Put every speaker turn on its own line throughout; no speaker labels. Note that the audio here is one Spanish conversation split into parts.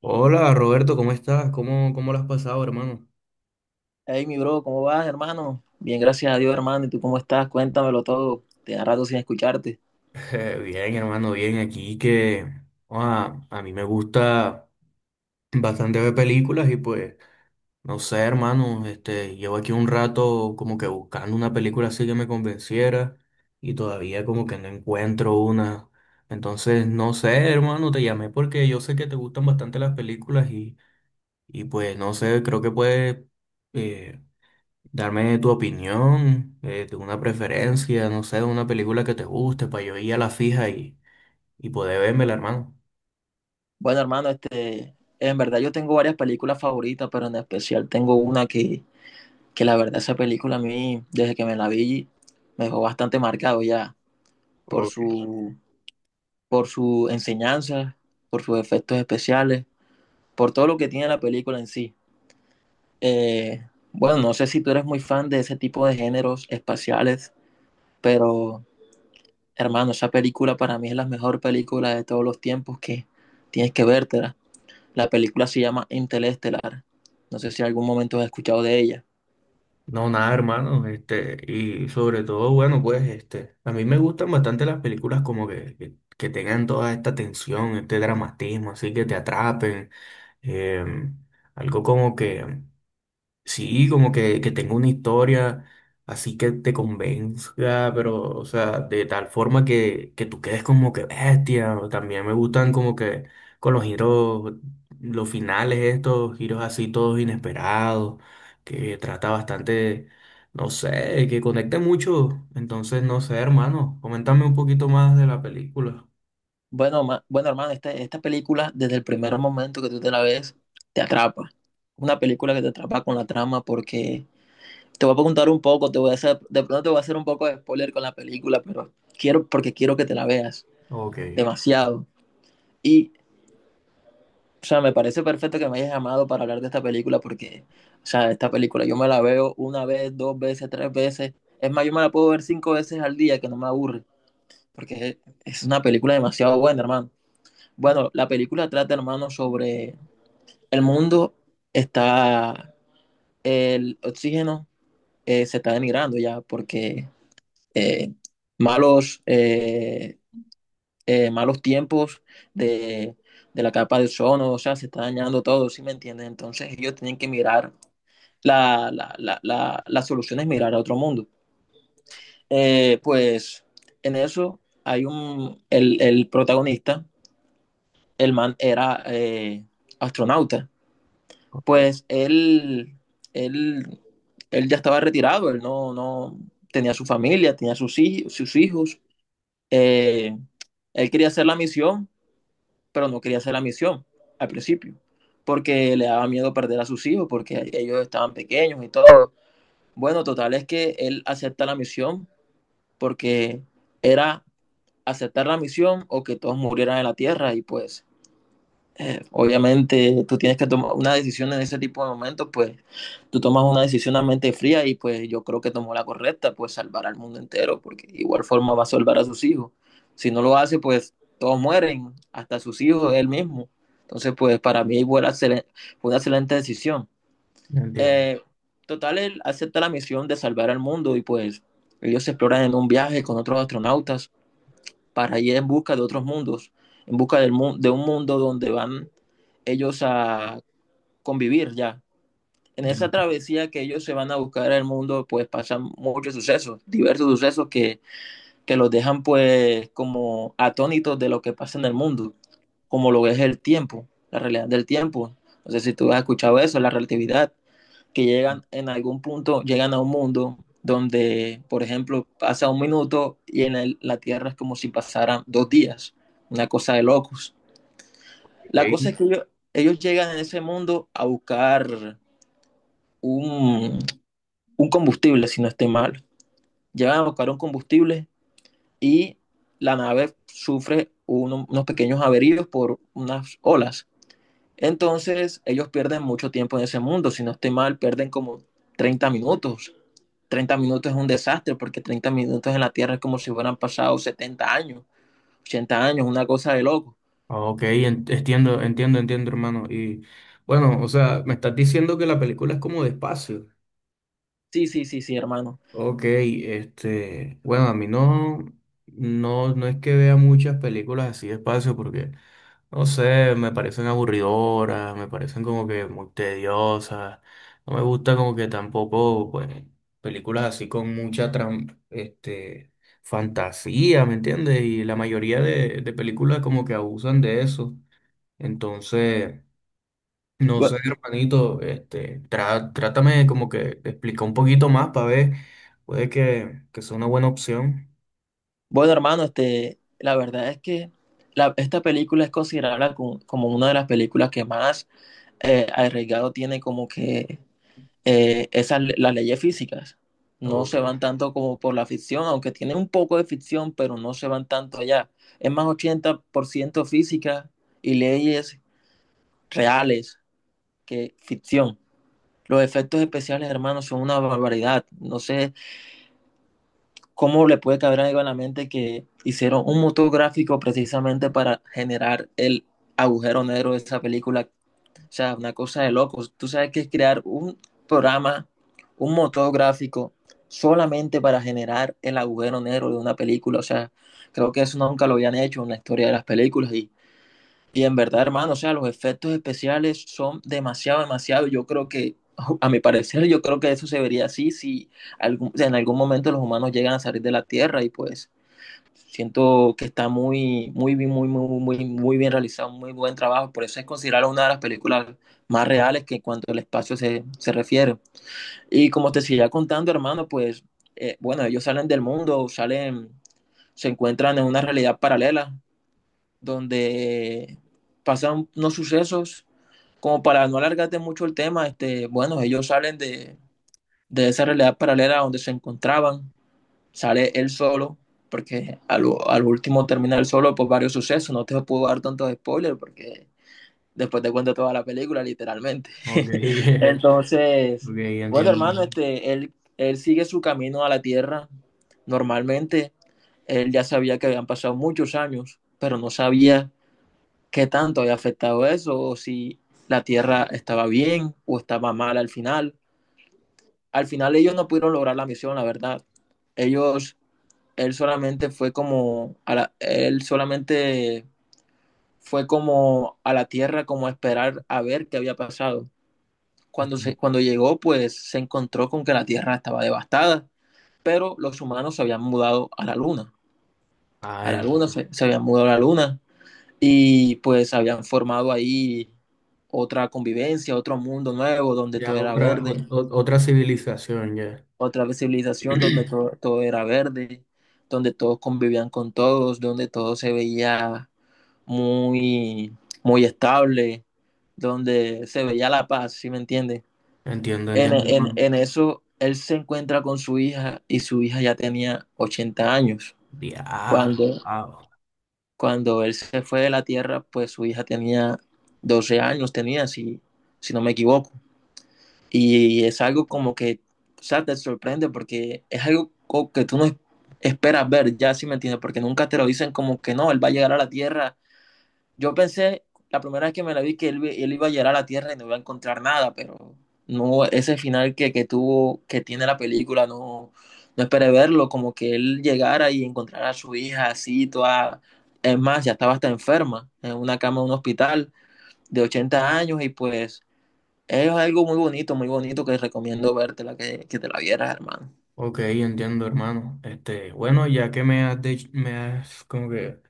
Hola Roberto, ¿cómo estás? ¿Cómo lo has pasado, hermano?
Hey, mi bro, ¿cómo vas, hermano? Bien, gracias a Dios, hermano. ¿Y tú cómo estás? Cuéntamelo todo. Tenía rato sin escucharte.
Bien, hermano, bien. Aquí que a mí me gusta bastante ver películas y pues, no sé, hermano, llevo aquí un rato como que buscando una película así que me convenciera y todavía como que no encuentro una. Entonces, no sé, hermano, te llamé porque yo sé que te gustan bastante las películas y pues, no sé, creo que puedes eh, darme tu opinión, de una preferencia, no sé, de una película que te guste, para yo ir a la fija y poder vérmela, hermano.
Bueno, hermano, en verdad yo tengo varias películas favoritas, pero en especial tengo una que, la verdad esa película a mí, desde que me la vi, me dejó bastante marcado ya por
Ok.
su, por su enseñanza, por sus efectos especiales, por todo lo que tiene la película en sí. Eh, bueno, no sé si tú eres muy fan de ese tipo de géneros espaciales, pero hermano, esa película para mí es la mejor película de todos los tiempos que tienes que vértela. La película se llama Interestelar. No sé si en algún momento has escuchado de ella.
No, nada, hermano, este, y sobre todo, bueno, pues, este, a mí me gustan bastante las películas como que tengan toda esta tensión, este dramatismo, así que te atrapen, em, algo como que sí, como que tenga una historia así que te convenza, pero, o sea, de tal forma que tú quedes como que bestia. O también me gustan como que con los giros, los finales estos, giros así todos inesperados, que trata bastante, no sé, que conecte mucho. Entonces, no sé, hermano, coméntame un poquito más de la película.
Bueno, hermano, esta película desde el primer momento que tú te la ves, te atrapa. Una película que te atrapa con la trama porque te voy a contar un poco, te voy a hacer, de pronto te voy a hacer un poco de spoiler con la película, pero quiero porque quiero que te la veas
Ok,
demasiado. Y O sea, me parece perfecto que me hayas llamado para hablar de esta película porque, o sea, esta película yo me la veo una vez, dos veces, tres veces. Es más, yo me la puedo ver cinco veces al día que no me aburre porque es una película demasiado buena, hermano. Bueno, la película trata, hermano, sobre el mundo está, el oxígeno se está denigrando ya porque eh, malos... eh, malos tiempos de, de la capa de ozono, o sea, se está dañando todo, ¿sí me entiendes? Entonces ellos tienen que mirar la solución es mirar a otro mundo. Pues en eso hay el protagonista, el man era astronauta,
ok,
pues él, él ya estaba retirado, él no tenía su familia, tenía sus hijos, eh, él quería hacer la misión, pero no quería hacer la misión al principio, porque le daba miedo perder a sus hijos, porque ellos estaban pequeños y todo. Bueno, total es que él acepta la misión porque era aceptar la misión o que todos murieran en la tierra y pues obviamente tú tienes que tomar una decisión en ese tipo de momentos, pues tú tomas una decisión a mente fría y pues yo creo que tomó la correcta, pues salvar al mundo entero, porque de igual forma va a salvar a sus hijos. Si no lo hace, pues todos mueren, hasta sus hijos, él mismo. Entonces, pues para mí fue una excelente decisión.
entiendo.
Eh, Total, él acepta la misión de salvar al mundo y pues ellos se exploran en un viaje con otros astronautas para ir en busca de otros mundos, en busca de un mundo donde van ellos a convivir ya. En
Ya.
esa travesía que ellos se van a buscar al mundo, pues pasan muchos sucesos, diversos sucesos que los dejan pues como atónitos de lo que pasa en el mundo, como lo es el tiempo, la realidad del tiempo. No sé si tú has escuchado eso, la relatividad que llegan en algún punto, llegan a un mundo donde, por ejemplo, pasa un minuto y en la Tierra es como si pasaran 2 días, una cosa de locos. La cosa es que ellos llegan en ese mundo a buscar un, un combustible, si no estoy mal. Llegan a buscar un combustible y la nave sufre unos pequeños averíos por unas olas. Entonces, ellos pierden mucho tiempo en ese mundo. Si no estoy mal, pierden como 30 minutos. 30 minutos es un desastre porque 30 minutos en la Tierra es como si hubieran pasado 70 años, 80 años, una cosa de loco.
Ok, entiendo, entiendo, entiendo, hermano. Y bueno, o sea, me estás diciendo que la película es como de espacio.
Sí, sí, sí, sí, hermano.
Ok, este, bueno, a mí no, no, no es que vea muchas películas así de espacio porque, no sé, me parecen aburridoras, me parecen como que muy tediosas. No me gusta como que tampoco, pues, películas así con mucha, este, fantasía, ¿me entiendes? Y la mayoría de películas como que abusan de eso. Entonces, no
Bu-
sé, hermanito, este, trátame como que de explicar un poquito más para ver, puede que sea una buena opción.
Bueno, hermano, la verdad es que esta película es considerada como, una de las películas que más arriesgado tiene como que esas, las leyes físicas no
Ok,
se van tanto como por la ficción, aunque tienen un poco de ficción, pero no se van tanto allá. Es más 80% física y leyes reales que ficción. Los efectos especiales, hermanos, son una barbaridad. No sé cómo le puede caber algo en la mente que hicieron un motor gráfico precisamente para generar el agujero negro de esa película. O sea, una cosa de locos. Tú sabes que es crear un programa, un motor gráfico, solamente para generar el agujero negro de una película. O sea, creo que eso nunca lo habían hecho en la historia de las películas. Y en verdad, hermano, o sea, los efectos especiales son demasiado, demasiado. Yo creo que, a mi parecer, yo creo que eso se vería así si en algún momento los humanos llegan a salir de la Tierra y pues siento que está muy, muy, muy, muy, muy, muy bien realizado, muy buen trabajo. Por eso es considerada una de las películas más reales que en cuanto al espacio se refiere. Y como te seguía contando, hermano, pues, bueno, ellos salen del mundo, salen, se encuentran en una realidad paralela donde pasan unos sucesos. Como para no alargarte mucho el tema, bueno, ellos salen de esa realidad paralela donde se encontraban sale él solo, porque al último termina él solo por varios sucesos, no te puedo dar tantos spoilers porque después te cuento toda la película, literalmente.
ok,
Entonces,
ok,
bueno,
entiendo.
hermano, él sigue su camino a la Tierra normalmente. Él ya sabía que habían pasado muchos años, pero no sabía qué tanto había afectado eso, o si la Tierra estaba bien o estaba mal al final. Al final ellos no pudieron lograr la misión, la verdad. Ellos él solamente fue como a la tierra como a esperar a ver qué había pasado. Cuando llegó, pues se encontró con que la tierra estaba devastada, pero los humanos se habían mudado
Ah,
a la luna
entiendo.
se habían mudado a la luna y pues habían formado ahí otra convivencia, otro mundo nuevo donde todo
Ya
era
otra,
verde,
otra civilización, ya.
otra civilización donde todo, todo era verde, donde todos convivían con todos, donde todo se veía muy, muy estable, donde se veía la paz, ¿sí me entiendes?
Entiendo,
En,
entiendo,
en,
hermano.
en, eso, él se encuentra con su hija y su hija ya tenía 80 años.
Ya,
Cuando,
wow.
cuando él se fue de la tierra, pues su hija tenía 12 años, tenía, si no me equivoco. Y es algo como que, o sea, te sorprende porque es algo que tú no esperas ver, ya, ¿sí me entiendes? Porque nunca te lo dicen como que no, él va a llegar a la tierra. Yo pensé, la primera vez que me la vi, que él iba a llegar a la Tierra y no iba a encontrar nada, pero no, ese final que tuvo, que tiene la película, no, no esperé verlo, como que él llegara y encontrara a su hija así, toda, es más, ya estaba hasta enferma, en una cama de un hospital de 80 años y pues es algo muy bonito que recomiendo verte la que te la vieras, hermano.
Ok, entiendo, hermano. Este, bueno, ya que me has, me has como que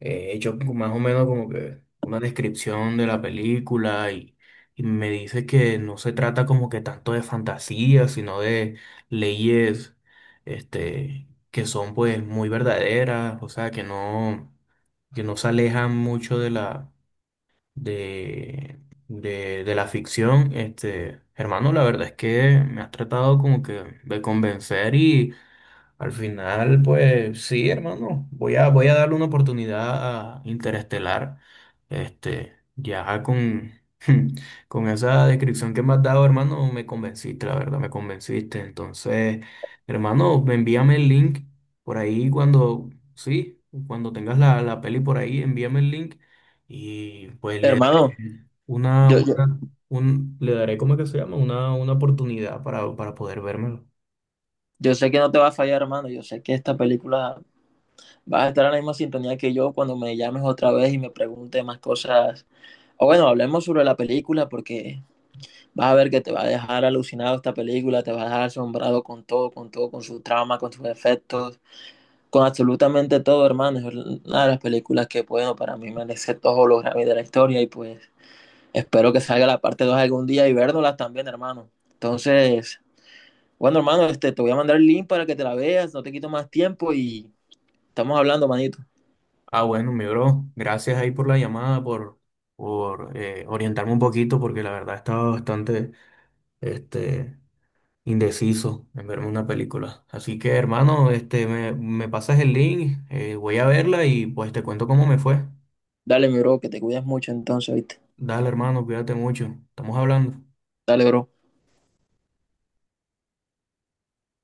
he hecho como más o menos como que una descripción de la película y me dice que no se trata como que tanto de fantasía, sino de leyes este, que son pues muy verdaderas, o sea, que no se alejan mucho de de, de la ficción. Este, hermano, la verdad es que me has tratado como que de convencer y al final, pues sí, hermano, voy a darle una oportunidad a Interestelar, este, ya con, con esa descripción que me has dado, hermano, me convenciste, la verdad, me convenciste. Entonces, hermano, envíame el link por ahí cuando, sí, cuando tengas la peli por ahí, envíame el link y pues le
Hermano,
daré una,
yo, yo,
una, le daré, ¿cómo es que se llama? Una oportunidad para poder vérmelo.
yo sé que no te va a fallar, hermano, yo sé que esta película vas a estar en la misma sintonía que yo cuando me llames otra vez y me preguntes más cosas. O bueno, hablemos sobre la película porque vas a ver que te va a dejar alucinado esta película, te va a dejar asombrado con todo, con todo, con su trama, con sus efectos, con absolutamente todo, hermano. Es una de las películas que, bueno, para mí merece todos los Grammys de la historia y pues espero que salga la parte 2 algún día y vernoslas también, hermano. Entonces, bueno, hermano, te voy a mandar el link para que te la veas, no te quito más tiempo y estamos hablando, manito.
Ah, bueno, mi bro, gracias ahí por la llamada, por orientarme un poquito, porque la verdad estaba bastante este, indeciso en verme una película. Así que, hermano, este, me pasas el link, voy a verla y pues te cuento cómo me fue.
Dale, mi bro, que te cuidas mucho entonces, ¿viste?
Dale, hermano, cuídate mucho. Estamos hablando.
Dale, bro.